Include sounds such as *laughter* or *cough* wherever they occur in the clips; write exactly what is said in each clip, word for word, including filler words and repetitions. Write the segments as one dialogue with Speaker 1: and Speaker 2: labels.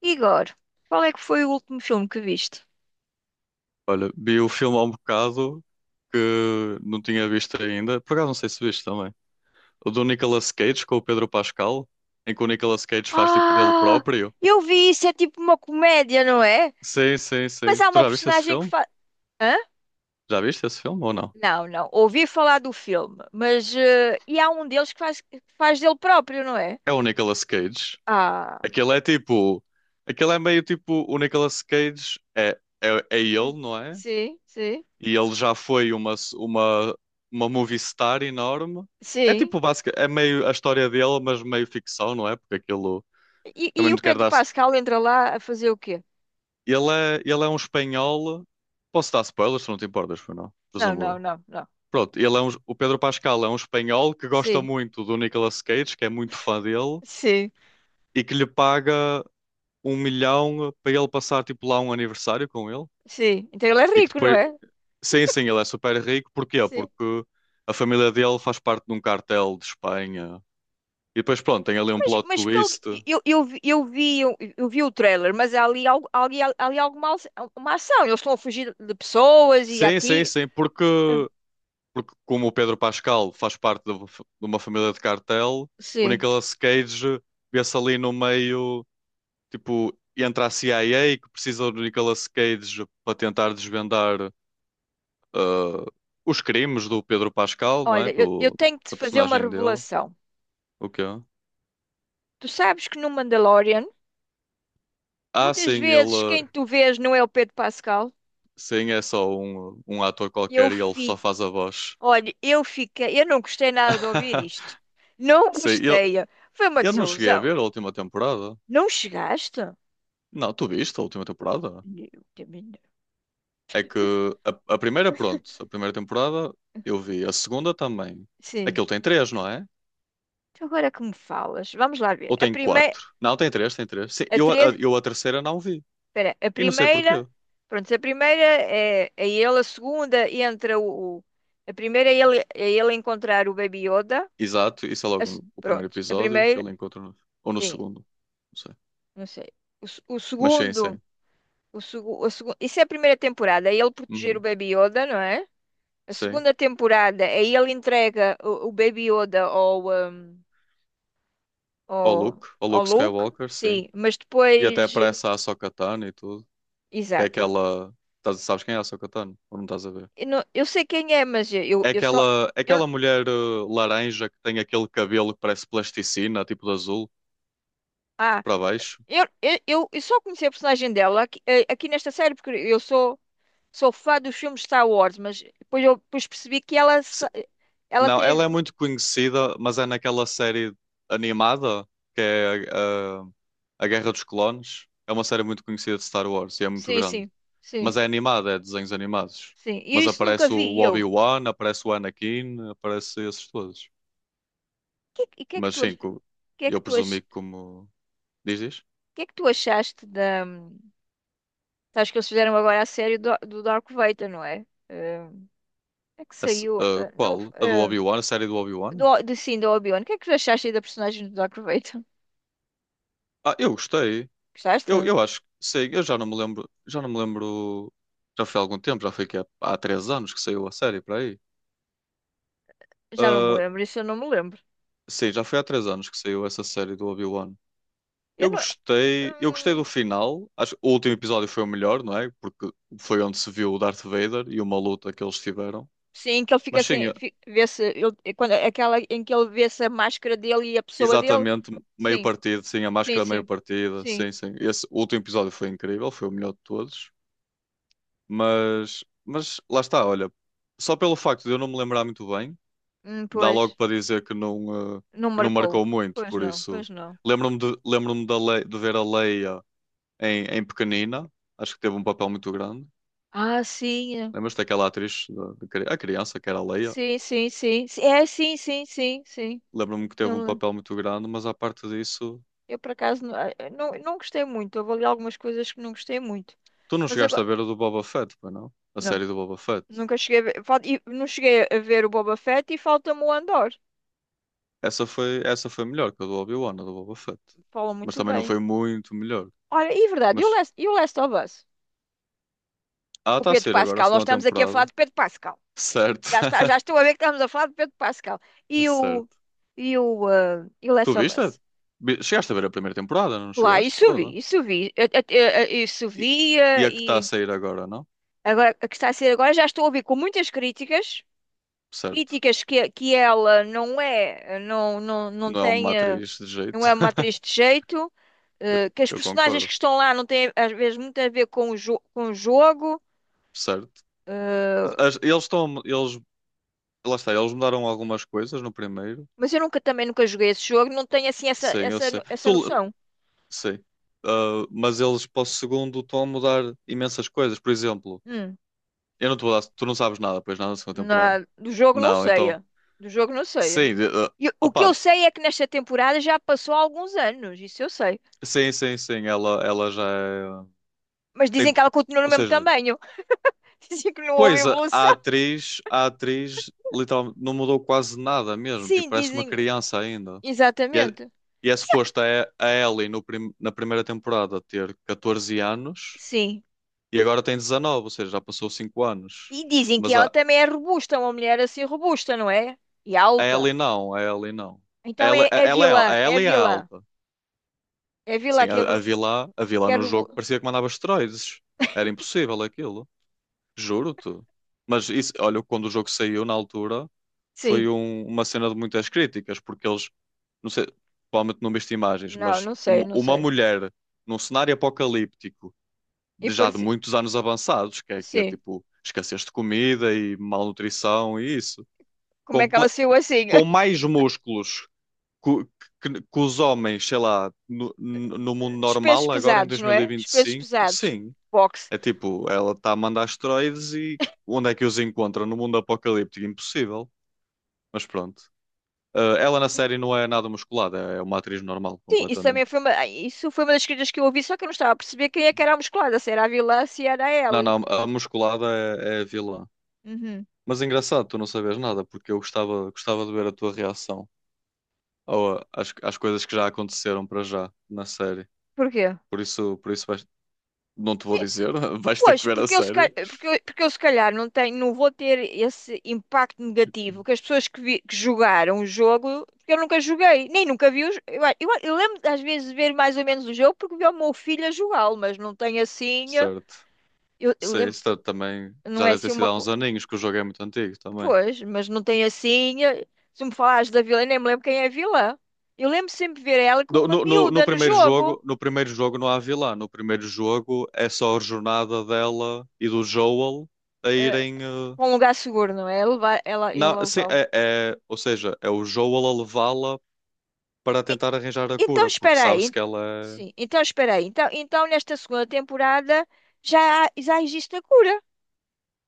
Speaker 1: Igor, qual é que foi o último filme que viste?
Speaker 2: Olha, vi o filme há um bocado que não tinha visto ainda. Por acaso não sei se viste também. O do Nicolas Cage com o Pedro Pascal, em que o Nicolas Cage faz tipo dele
Speaker 1: Ah,
Speaker 2: próprio.
Speaker 1: eu vi isso, é tipo uma comédia, não é?
Speaker 2: Sim, sim,
Speaker 1: Mas
Speaker 2: sim.
Speaker 1: há
Speaker 2: Tu
Speaker 1: uma
Speaker 2: já viste esse
Speaker 1: personagem que
Speaker 2: filme?
Speaker 1: faz. Hã?
Speaker 2: Já viste esse filme ou não?
Speaker 1: Não, não. Ouvi falar do filme, mas, eh, e há um deles que faz, que faz dele próprio, não é?
Speaker 2: É o Nicolas Cage.
Speaker 1: Ah,
Speaker 2: Aquele é tipo. Aquele é meio tipo. O Nicolas Cage é, é, é ele, não é?
Speaker 1: sim, sim,
Speaker 2: E ele já foi uma, uma, uma movie star enorme. É
Speaker 1: sim.
Speaker 2: tipo, básica, é meio a história dele, mas meio ficção, não é? Porque aquilo.
Speaker 1: E,
Speaker 2: Também
Speaker 1: e
Speaker 2: não
Speaker 1: o
Speaker 2: te quero
Speaker 1: Pedro
Speaker 2: dar.
Speaker 1: Pascal entra lá a fazer o quê?
Speaker 2: Ele é, ele é um espanhol. Posso dar spoilers, se não te importas, foi não?
Speaker 1: Não,
Speaker 2: Presumo
Speaker 1: não,
Speaker 2: eu.
Speaker 1: não, não.
Speaker 2: Pronto, ele é um, o Pedro Pascal é um espanhol que gosta
Speaker 1: Sim,
Speaker 2: muito do Nicolas Cage, que é muito fã dele,
Speaker 1: sim,
Speaker 2: e que lhe paga um milhão para ele passar tipo lá um aniversário com ele.
Speaker 1: sim. Então ele é
Speaker 2: E que
Speaker 1: rico, não
Speaker 2: depois.
Speaker 1: é?
Speaker 2: Sim, sim, ele é super rico. Porquê?
Speaker 1: Sim.
Speaker 2: Porque a família dele faz parte de um cartel de Espanha. E depois, pronto, tem ali um
Speaker 1: Mas,
Speaker 2: plot
Speaker 1: mas pelo
Speaker 2: twist.
Speaker 1: eu, eu, vi- eu vi eu, eu vi o trailer, mas há ali algo ali, há- ali alguma ace- uma ação. Eles estão a fugir de pessoas e a
Speaker 2: Sim, sim,
Speaker 1: ti.
Speaker 2: sim, porque
Speaker 1: Ah,
Speaker 2: porque como o Pedro Pascal faz parte de de uma família de cartel, o
Speaker 1: sim.
Speaker 2: Nicolas Cage vê-se ali no meio, tipo, entre a C I A que precisa do Nicolas Cage para tentar desvendar ah, os crimes do Pedro Pascal, não é?
Speaker 1: Olha, eu, eu
Speaker 2: Do,
Speaker 1: tenho que te
Speaker 2: da
Speaker 1: fazer uma
Speaker 2: personagem dele.
Speaker 1: revelação.
Speaker 2: O quê?
Speaker 1: Tu sabes que no Mandalorian,
Speaker 2: Ah,
Speaker 1: muitas
Speaker 2: sim, ele
Speaker 1: vezes quem tu vês não é o Pedro Pascal.
Speaker 2: sim, é só um, um ator
Speaker 1: Eu
Speaker 2: qualquer e ele só
Speaker 1: fico,
Speaker 2: faz a voz.
Speaker 1: olha, eu fiquei, eu não gostei nada de ouvir
Speaker 2: *laughs*
Speaker 1: isto. Não
Speaker 2: Sim, eu,
Speaker 1: gostei. Foi uma
Speaker 2: eu não cheguei a
Speaker 1: desilusão.
Speaker 2: ver a última temporada.
Speaker 1: Não chegaste?
Speaker 2: Não, tu viste a última temporada?
Speaker 1: Eu também não.
Speaker 2: É que a, a primeira, pronto, a primeira temporada eu vi, a segunda também.
Speaker 1: Sim.
Speaker 2: Aquilo tem três, não é?
Speaker 1: Então agora que me falas, vamos lá ver.
Speaker 2: Ou
Speaker 1: A
Speaker 2: tem
Speaker 1: primeira,
Speaker 2: quatro? Não, tem três, tem três. Sim,
Speaker 1: a
Speaker 2: eu, a,
Speaker 1: três,
Speaker 2: eu a terceira não vi.
Speaker 1: espera, a
Speaker 2: E não sei porquê.
Speaker 1: primeira, pronto, a primeira é, é ele, a segunda entra o, o- a primeira é ele, é ele, encontrar o Baby Yoda.
Speaker 2: Exato, isso é
Speaker 1: A
Speaker 2: logo
Speaker 1: se-
Speaker 2: no, o primeiro
Speaker 1: pronto, a
Speaker 2: episódio que
Speaker 1: primeira,
Speaker 2: ele encontra, no- ou no
Speaker 1: sim,
Speaker 2: segundo. Não sei.
Speaker 1: não sei. O, se- o
Speaker 2: Mas sim,
Speaker 1: segundo,
Speaker 2: sim.
Speaker 1: o, segu- a segu- isso é a primeira temporada, é ele proteger o
Speaker 2: Uhum,
Speaker 1: Baby Yoda, não é? A
Speaker 2: sim.
Speaker 1: segunda temporada é ele entrega o, o Baby Yoda ao, hum,
Speaker 2: O
Speaker 1: ao,
Speaker 2: Luke, o
Speaker 1: ao
Speaker 2: Luke
Speaker 1: Luke,
Speaker 2: Skywalker, sim.
Speaker 1: sim, mas
Speaker 2: E até
Speaker 1: depois,
Speaker 2: aparece a Ahsoka Tano e tudo. Que é
Speaker 1: exato.
Speaker 2: aquela. Tás- Sabes quem é a Ahsoka Tano? Ou não estás a ver?
Speaker 1: Eu, não- eu sei quem é, mas eu, eu
Speaker 2: É
Speaker 1: eu só.
Speaker 2: aquela, é
Speaker 1: Eu,
Speaker 2: aquela mulher uh, laranja que tem aquele cabelo que parece plasticina, tipo de azul,
Speaker 1: ah,
Speaker 2: para baixo.
Speaker 1: eu, eu, eu eu só conheci a personagem dela aqui, eh, aqui nesta série, porque eu sou, sou, fã dos filmes de Star Wars, mas depois eu depois percebi que ela, sa-
Speaker 2: Se-
Speaker 1: ela
Speaker 2: Não, ela é
Speaker 1: teve.
Speaker 2: muito conhecida, mas é naquela série animada que é uh, A Guerra dos Clones. É uma série muito conhecida de Star Wars e é muito
Speaker 1: Sim,
Speaker 2: grande.
Speaker 1: sim, sim,
Speaker 2: Mas é animada, é desenhos animados.
Speaker 1: sim. E
Speaker 2: Mas
Speaker 1: isso nunca
Speaker 2: aparece o
Speaker 1: vi eu.
Speaker 2: Obi-Wan, aparece o Anakin, aparece esses todos.
Speaker 1: Que- E o que é que
Speaker 2: Mas
Speaker 1: tu,
Speaker 2: sim,
Speaker 1: ach-
Speaker 2: co-
Speaker 1: que é
Speaker 2: eu
Speaker 1: que tu, ach-
Speaker 2: presumi que como. Dizes?
Speaker 1: que é que tu achaste da. Sabes que eles fizeram agora a série do, do Darth Vader, não é? Eh, é que
Speaker 2: A se-
Speaker 1: saiu.
Speaker 2: uh,
Speaker 1: Eh, não,
Speaker 2: Qual? A do
Speaker 1: eh,
Speaker 2: Obi-Wan? A série do Obi-Wan?
Speaker 1: do, de, sim, do Obi-Wan. O que é que tu achaste aí da personagem do Darth Vader?
Speaker 2: Ah, eu gostei. Eu,
Speaker 1: Gostaste?
Speaker 2: eu acho que sei, eu já não me lembro, já não me lembro, já foi há algum tempo, já foi que há, há três anos que saiu a série para aí.
Speaker 1: Já não me
Speaker 2: Ah,
Speaker 1: lembro, isso eu não me lembro.
Speaker 2: sim, já foi há três anos que saiu essa série do Obi-Wan.
Speaker 1: Eu
Speaker 2: Eu
Speaker 1: não.
Speaker 2: gostei, eu gostei do
Speaker 1: hum,
Speaker 2: final. Acho que o último episódio foi o melhor, não é? Porque foi onde se viu o Darth Vader e uma luta que eles tiveram.
Speaker 1: sim, que ele fica
Speaker 2: Mas sim,
Speaker 1: sem fi- vê-se, ele- é quando, é aquela em que ele vê-se a máscara dele e a pessoa dele.
Speaker 2: exatamente, meio
Speaker 1: Sim,
Speaker 2: partido, sim, a
Speaker 1: sim,
Speaker 2: máscara meio
Speaker 1: sim,
Speaker 2: partida,
Speaker 1: sim.
Speaker 2: sim, sim. Esse último episódio foi incrível, foi o melhor de todos. Mas, mas lá está, olha, só pelo facto de eu não me lembrar muito bem
Speaker 1: Hum,
Speaker 2: dá logo
Speaker 1: pois,
Speaker 2: para dizer que não, eh,
Speaker 1: não
Speaker 2: que não
Speaker 1: marcou.
Speaker 2: marcou muito,
Speaker 1: Pois
Speaker 2: por
Speaker 1: não,
Speaker 2: isso
Speaker 1: pois não.
Speaker 2: lembro-me de, lembro-me da Le- de ver a Leia em, em pequenina, acho que teve um papel muito grande.
Speaker 1: Ah, sim, é.
Speaker 2: Lembras-te daquela atriz, da- da cri- a criança que era a Leia?
Speaker 1: Sim, sim, sim. Sim, é, sim, sim, sim, sim.
Speaker 2: Lembro-me que teve
Speaker 1: Eu,
Speaker 2: um
Speaker 1: me lembro.
Speaker 2: papel muito grande, mas à parte disso,
Speaker 1: Eu, por acaso não, eh, não, não gostei muito. Houve ali algumas coisas que não gostei muito.
Speaker 2: tu não
Speaker 1: Mas
Speaker 2: chegaste a
Speaker 1: agora,
Speaker 2: ver a do Boba Fett, pois não? A
Speaker 1: não,
Speaker 2: série do Boba Fett.
Speaker 1: nunca cheguei a ver, fal- e não cheguei a ver o Boba Fett e falta-me o Andor.
Speaker 2: Essa foi, essa foi melhor que a do Obi-Wan, a do Boba Fett.
Speaker 1: Falam
Speaker 2: Mas
Speaker 1: muito
Speaker 2: também não
Speaker 1: bem.
Speaker 2: foi muito melhor.
Speaker 1: Olha, e é verdade, e o
Speaker 2: Mas,
Speaker 1: Last, e o Last of Us?
Speaker 2: ah,
Speaker 1: Com o
Speaker 2: está a
Speaker 1: Pedro
Speaker 2: ser agora a
Speaker 1: Pascal, nós
Speaker 2: segunda
Speaker 1: estamos aqui a falar
Speaker 2: temporada.
Speaker 1: de Pedro Pascal.
Speaker 2: Certo.
Speaker 1: Já está, já estou a
Speaker 2: *laughs*
Speaker 1: ver que estamos a falar de Pedro Pascal. E o,
Speaker 2: Certo.
Speaker 1: e o, ah, e o
Speaker 2: Tu
Speaker 1: Last of
Speaker 2: viste?
Speaker 1: Us?
Speaker 2: Vi- Chegaste a ver a primeira temporada, não
Speaker 1: Lá,
Speaker 2: chegaste?
Speaker 1: isso
Speaker 2: Toda.
Speaker 1: vi, isso vi. Eu- eu- eu- Isso
Speaker 2: E, e
Speaker 1: via
Speaker 2: a que está a
Speaker 1: e
Speaker 2: sair agora, não?
Speaker 1: agora, a que está a ser agora, já estou a ouvir com muitas críticas,
Speaker 2: Certo.
Speaker 1: críticas que, que ela não é, não, não, não
Speaker 2: Não é uma
Speaker 1: tem, ah,
Speaker 2: atriz de
Speaker 1: não
Speaker 2: jeito.
Speaker 1: é uma atriz de
Speaker 2: *laughs*
Speaker 1: jeito,
Speaker 2: Eu,
Speaker 1: eh, que as
Speaker 2: eu
Speaker 1: personagens
Speaker 2: concordo.
Speaker 1: que estão lá não têm, às vezes, muito a ver com o, jo- com o jogo.
Speaker 2: Certo.
Speaker 1: Ah,
Speaker 2: As- eles estão. Eles, lá está, eles mudaram algumas coisas no primeiro.
Speaker 1: mas eu nunca também nunca joguei esse jogo, não tenho assim essa,
Speaker 2: Sim, eu
Speaker 1: essa,
Speaker 2: sei.
Speaker 1: no- essa
Speaker 2: Tu,
Speaker 1: noção.
Speaker 2: sei. Ah, mas eles para o segundo estão a mudar imensas coisas. Por exemplo,
Speaker 1: Hum,
Speaker 2: eu não te vou dar. Tu não sabes nada, pois nada da segunda temporada.
Speaker 1: na- do jogo não
Speaker 2: Não,
Speaker 1: sei.
Speaker 2: então.
Speaker 1: É. Do jogo não sei. É.
Speaker 2: Sim, de- ah,
Speaker 1: E o que eu
Speaker 2: opa.
Speaker 1: sei é que nesta temporada já passou há alguns anos, isso eu sei.
Speaker 2: Sim, sim, sim. Ela, ela já é.
Speaker 1: Mas dizem que
Speaker 2: Tem,
Speaker 1: ela continua no
Speaker 2: ou
Speaker 1: mesmo
Speaker 2: seja.
Speaker 1: tamanho. *laughs* Dizem que não houve
Speaker 2: Pois, a
Speaker 1: evolução.
Speaker 2: a atriz, a atriz literalmente não mudou quase nada mesmo, tipo,
Speaker 1: Sim,
Speaker 2: parece uma
Speaker 1: dizem.
Speaker 2: criança ainda. E é,
Speaker 1: Exatamente.
Speaker 2: e é suposto a, E- a Ellie no prim- na primeira temporada ter catorze anos
Speaker 1: Sim.
Speaker 2: e agora tem dezenove, ou seja, já passou cinco anos.
Speaker 1: E dizem que
Speaker 2: Mas
Speaker 1: ela
Speaker 2: a,
Speaker 1: também é robusta, uma mulher assim robusta, não é? E
Speaker 2: a
Speaker 1: alta.
Speaker 2: Ellie não, a Ellie não.
Speaker 1: Então
Speaker 2: Ela,
Speaker 1: é,
Speaker 2: a,
Speaker 1: é
Speaker 2: ela é, al-
Speaker 1: vilã,
Speaker 2: A
Speaker 1: é
Speaker 2: Ellie é
Speaker 1: vilã.
Speaker 2: alta.
Speaker 1: É vilã
Speaker 2: Sim,
Speaker 1: que é,
Speaker 2: a, a
Speaker 1: bru-
Speaker 2: vilã, a
Speaker 1: que
Speaker 2: vilã
Speaker 1: é
Speaker 2: no jogo
Speaker 1: robusta.
Speaker 2: parecia que mandava esteroides. Era impossível aquilo. Juro-te. Mas isso, olha, quando o jogo saiu na altura, foi
Speaker 1: Sim.
Speaker 2: um- uma cena de muitas críticas, porque eles, não sei, provavelmente não viste imagens,
Speaker 1: Não,
Speaker 2: mas
Speaker 1: não sei,
Speaker 2: uma,
Speaker 1: não
Speaker 2: uma
Speaker 1: sei.
Speaker 2: mulher num cenário apocalíptico,
Speaker 1: E
Speaker 2: de já de
Speaker 1: parece.
Speaker 2: muitos anos avançados, que é, que é
Speaker 1: Sim.
Speaker 2: tipo escassez de comida e malnutrição e isso,
Speaker 1: Como é que ela
Speaker 2: comple-
Speaker 1: saiu assim?
Speaker 2: com mais músculos que, que- que os homens, sei lá, no, no no mundo
Speaker 1: *laughs* Dos pesos
Speaker 2: normal, agora em
Speaker 1: pesados, não é? Dos pesos
Speaker 2: dois mil e vinte e cinco,
Speaker 1: pesados.
Speaker 2: sim.
Speaker 1: Boxe.
Speaker 2: É tipo, ela está a mandar asteroides e onde é que os encontra? No mundo apocalíptico? Impossível. Mas pronto. Ah, ela na série não é nada musculada, é uma atriz normal,
Speaker 1: Sim, isso também
Speaker 2: completamente.
Speaker 1: foi uma, ai, isso foi uma das críticas que eu ouvi, só que eu não estava a perceber quem é que era a musculada, se era a vilã, se era a
Speaker 2: Não,
Speaker 1: Ellie.
Speaker 2: não, a musculada é, é a vilã.
Speaker 1: Uhum.
Speaker 2: Mas é engraçado, tu não sabes nada, porque eu gostava, gostava de ver a tua reação ao- às, às coisas que já aconteceram para já na série.
Speaker 1: Porquê?
Speaker 2: Por isso, por isso vais- não te vou
Speaker 1: Sim,
Speaker 2: dizer, *laughs* vais ter que
Speaker 1: pois,
Speaker 2: ver a
Speaker 1: porque eu, se calhar,
Speaker 2: série.
Speaker 1: porque eu, porque eu se calhar não tenho, não vou ter esse impacto negativo que as pessoas que, vi- que jogaram o jogo, porque eu nunca joguei, nem nunca vi os, eu, eu, eu lembro às vezes de ver mais ou menos o jogo porque vi o meu filho a jogá-lo, mas não tenho assim, eh,
Speaker 2: Certo.
Speaker 1: eu, eu
Speaker 2: Sim,
Speaker 1: lem-
Speaker 2: isso também
Speaker 1: Não
Speaker 2: já
Speaker 1: é
Speaker 2: deve ter
Speaker 1: assim
Speaker 2: sido
Speaker 1: uma.
Speaker 2: há uns
Speaker 1: co-
Speaker 2: aninhos, que o jogo é muito antigo também.
Speaker 1: Pois, mas não tem assim. eh, Se me falares da vilã, eu nem me lembro quem é a vilã. Eu lembro sempre de ver ela com
Speaker 2: No,
Speaker 1: uma
Speaker 2: no- no- no
Speaker 1: miúda no
Speaker 2: primeiro jogo,
Speaker 1: jogo.
Speaker 2: no primeiro jogo não há vilã. No primeiro jogo é só a jornada dela e do Joel a
Speaker 1: eh,
Speaker 2: irem. eh,
Speaker 1: com um lugar seguro, não é? Levar, ela, ele a
Speaker 2: Não, sim,
Speaker 1: levá-lo.
Speaker 2: é, é- ou seja, é o Joel a levá-la para
Speaker 1: E-
Speaker 2: tentar arranjar a
Speaker 1: Então,
Speaker 2: cura, porque
Speaker 1: espera aí.
Speaker 2: sabe-se que
Speaker 1: ent-
Speaker 2: ela é.
Speaker 1: Sim, então, espera aí. Então, então, nesta segunda temporada já, há- já existe a cura.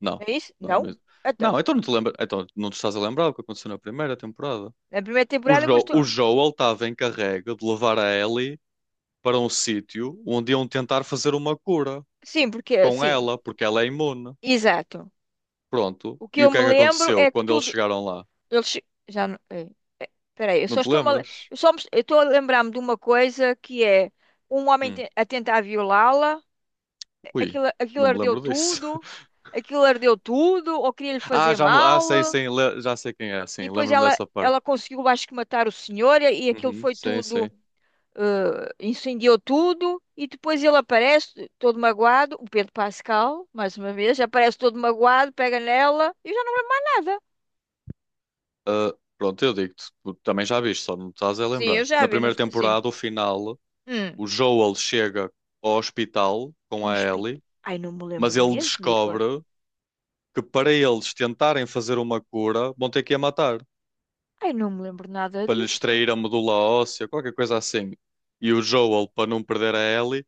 Speaker 2: Não,
Speaker 1: É isso?
Speaker 2: não, não,
Speaker 1: Não? Então,
Speaker 2: não, então não te lembra, então não te estás a lembrar o que aconteceu na primeira temporada.
Speaker 1: na primeira
Speaker 2: O,
Speaker 1: temporada
Speaker 2: Jo-
Speaker 1: gostou.
Speaker 2: o Joel estava encarregue de levar a Ellie para um sítio onde iam tentar fazer uma cura
Speaker 1: Sim, porque.
Speaker 2: com
Speaker 1: Sim,
Speaker 2: ela, porque ela é imune.
Speaker 1: exato.
Speaker 2: Pronto.
Speaker 1: O que
Speaker 2: E
Speaker 1: eu
Speaker 2: o que
Speaker 1: me
Speaker 2: é que
Speaker 1: lembro
Speaker 2: aconteceu
Speaker 1: é que
Speaker 2: quando eles
Speaker 1: tudo.
Speaker 2: chegaram lá?
Speaker 1: Eles já não. É. Peraí, eu
Speaker 2: Não
Speaker 1: só
Speaker 2: te
Speaker 1: estou a, le-
Speaker 2: lembras?
Speaker 1: eu só me- eu estou a lembrar-me de uma coisa que é um homem
Speaker 2: Hum.
Speaker 1: te- a tentar violá-la,
Speaker 2: Ui,
Speaker 1: aquilo, aquilo
Speaker 2: não me
Speaker 1: ardeu
Speaker 2: lembro disso.
Speaker 1: tudo,
Speaker 2: *laughs*
Speaker 1: aquilo ardeu tudo, ou queria-lhe
Speaker 2: Ah,
Speaker 1: fazer
Speaker 2: já me... Ah, sim,
Speaker 1: mal,
Speaker 2: sim, le- já sei quem é,
Speaker 1: e
Speaker 2: sim,
Speaker 1: depois
Speaker 2: lembro-me
Speaker 1: ela,
Speaker 2: dessa parte.
Speaker 1: ela conseguiu, acho que, matar o senhor, e aquilo
Speaker 2: Uhum,
Speaker 1: foi
Speaker 2: sim,
Speaker 1: tudo,
Speaker 2: sim.
Speaker 1: eh, incendiou tudo, e depois ele aparece todo magoado, o Pedro Pascal, mais uma vez, aparece todo magoado, pega nela, e eu já não lembro mais nada.
Speaker 2: Ah, pronto, eu digo-te, tu também já viste, só não te estás a
Speaker 1: Sim, eu
Speaker 2: lembrar.
Speaker 1: já
Speaker 2: Na
Speaker 1: vi, não,
Speaker 2: primeira
Speaker 1: est- sim.
Speaker 2: temporada, o final,
Speaker 1: Hum,
Speaker 2: o Joel chega ao hospital com a
Speaker 1: hospital.
Speaker 2: Ellie,
Speaker 1: Ai, não me
Speaker 2: mas
Speaker 1: lembro
Speaker 2: ele
Speaker 1: mesmo, Igor.
Speaker 2: descobre que para eles tentarem fazer uma cura, vão ter que a matar,
Speaker 1: Ai, não me lembro nada
Speaker 2: para lhe
Speaker 1: disto.
Speaker 2: extrair a medula óssea, qualquer coisa assim. E o Joel, para não perder a Ellie,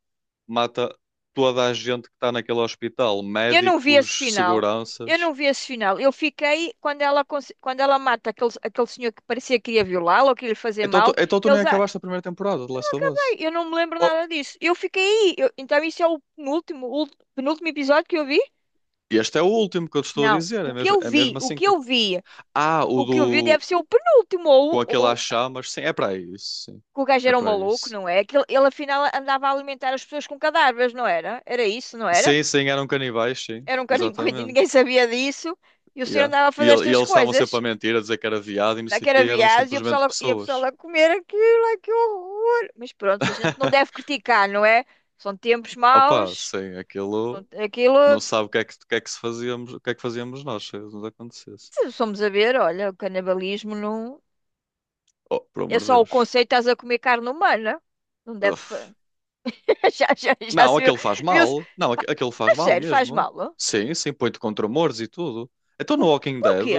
Speaker 2: mata toda a gente que está naquele hospital,
Speaker 1: Eu não vi esse
Speaker 2: médicos,
Speaker 1: final. Eu
Speaker 2: seguranças.
Speaker 1: não vi esse final. Eu fiquei quando ela, cons- quando ela mata aquele, aquele senhor que parecia que ia violá-la ou que ia lhe fazer
Speaker 2: Então tu,
Speaker 1: mal.
Speaker 2: então tu nem
Speaker 1: Eles, ah,
Speaker 2: acabaste a primeira temporada de Last of
Speaker 1: ai,
Speaker 2: Us.
Speaker 1: eu não me lembro
Speaker 2: Oh,
Speaker 1: nada disso. Eu fiquei aí. Eu- então isso é o penúltimo, ul- penúltimo episódio que eu vi?
Speaker 2: este é o último que eu te estou a
Speaker 1: Não.
Speaker 2: dizer,
Speaker 1: O
Speaker 2: é
Speaker 1: que
Speaker 2: mesmo,
Speaker 1: eu
Speaker 2: é
Speaker 1: vi,
Speaker 2: mesmo
Speaker 1: o
Speaker 2: assim
Speaker 1: que
Speaker 2: que.
Speaker 1: eu vi,
Speaker 2: Ah, o
Speaker 1: o que eu vi
Speaker 2: do.
Speaker 1: deve ser o penúltimo.
Speaker 2: Com
Speaker 1: Ou,
Speaker 2: aquele às
Speaker 1: ou
Speaker 2: chamas, sim, é para isso, sim.
Speaker 1: que o gajo
Speaker 2: É
Speaker 1: era um
Speaker 2: para
Speaker 1: maluco,
Speaker 2: isso.
Speaker 1: não é? Que ele, ele afinal andava a alimentar as pessoas com cadáveres, não era? Era isso, não era?
Speaker 2: Sim, sim, eram canibais, sim,
Speaker 1: Era um canicuito e
Speaker 2: exatamente.
Speaker 1: ninguém sabia disso. E o senhor
Speaker 2: Yeah.
Speaker 1: andava a
Speaker 2: E,
Speaker 1: fazer
Speaker 2: ele- e
Speaker 1: estas
Speaker 2: eles estavam sempre a
Speaker 1: coisas.
Speaker 2: mentir, a dizer que era viado e não sei o quê,
Speaker 1: Naquela
Speaker 2: eram
Speaker 1: viagem e a pessoa,
Speaker 2: simplesmente
Speaker 1: lá- e a pessoa
Speaker 2: pessoas.
Speaker 1: lá a comer aquilo, ai que horror. Mas pronto, a gente não
Speaker 2: *laughs*
Speaker 1: deve criticar, não é? São tempos
Speaker 2: Opa,
Speaker 1: maus.
Speaker 2: sim, aquilo
Speaker 1: São- Aquilo,
Speaker 2: não sabe o que é que, o que é que se fazíamos, o que é que fazíamos nós se isso nos acontecesse.
Speaker 1: se somos a ver, olha, o canibalismo não.
Speaker 2: Oh, por
Speaker 1: É
Speaker 2: amor de
Speaker 1: só o
Speaker 2: Deus.
Speaker 1: conceito, estás a comer carne humana. Não deve. te fa-
Speaker 2: Uf.
Speaker 1: *laughs* Já, já, já
Speaker 2: Não,
Speaker 1: se viu.
Speaker 2: aquilo faz
Speaker 1: Viu-se.
Speaker 2: mal. Não,
Speaker 1: Pá,
Speaker 2: aqu- aquilo faz
Speaker 1: a
Speaker 2: mal
Speaker 1: sério, faz
Speaker 2: mesmo.
Speaker 1: mal? Ó?
Speaker 2: Sim, sim, põe-te contra humores e tudo. Então no
Speaker 1: Com-
Speaker 2: Walking Dead,
Speaker 1: Porquê?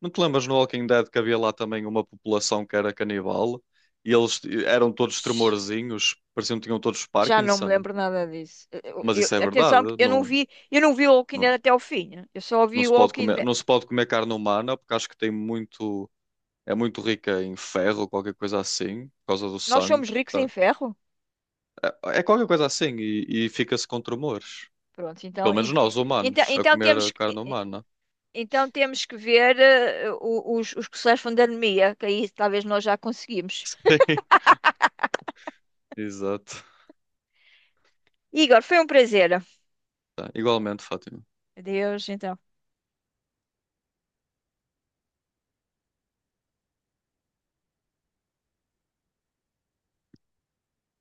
Speaker 2: não te lembras no Walking Dead que havia lá também uma população que era canibal e eles t- eram todos tremorzinhos, pareciam que tinham todos
Speaker 1: Já não me
Speaker 2: Parkinson.
Speaker 1: lembro nada disso. Eu-
Speaker 2: Mas
Speaker 1: eu-
Speaker 2: isso é verdade,
Speaker 1: atenção, que eu não
Speaker 2: não,
Speaker 1: vi, eu não vi o Walking
Speaker 2: não,
Speaker 1: Dead até ao fim. Né? Eu só
Speaker 2: não
Speaker 1: vi o
Speaker 2: se pode
Speaker 1: Walking
Speaker 2: comer,
Speaker 1: Dead.
Speaker 2: não se pode comer carne humana porque acho que tem muito é muito rica em ferro, qualquer coisa assim, por causa do
Speaker 1: Nós
Speaker 2: sangue.
Speaker 1: somos ricos em
Speaker 2: Tá?
Speaker 1: ferro.
Speaker 2: É, é qualquer coisa assim e, e fica-se com tremores.
Speaker 1: Pronto, então,
Speaker 2: Pelo menos
Speaker 1: en-
Speaker 2: nós,
Speaker 1: en- então,
Speaker 2: humanos, a
Speaker 1: então
Speaker 2: comer
Speaker 1: temos
Speaker 2: a
Speaker 1: que,
Speaker 2: carne
Speaker 1: en-
Speaker 2: humana.
Speaker 1: então temos que ver eh, o- os, os que sofrem da anemia, que aí talvez nós já conseguimos.
Speaker 2: *laughs* Exato.
Speaker 1: Igor, foi um prazer.
Speaker 2: Tá, igualmente, Fátima.
Speaker 1: Adeus, então.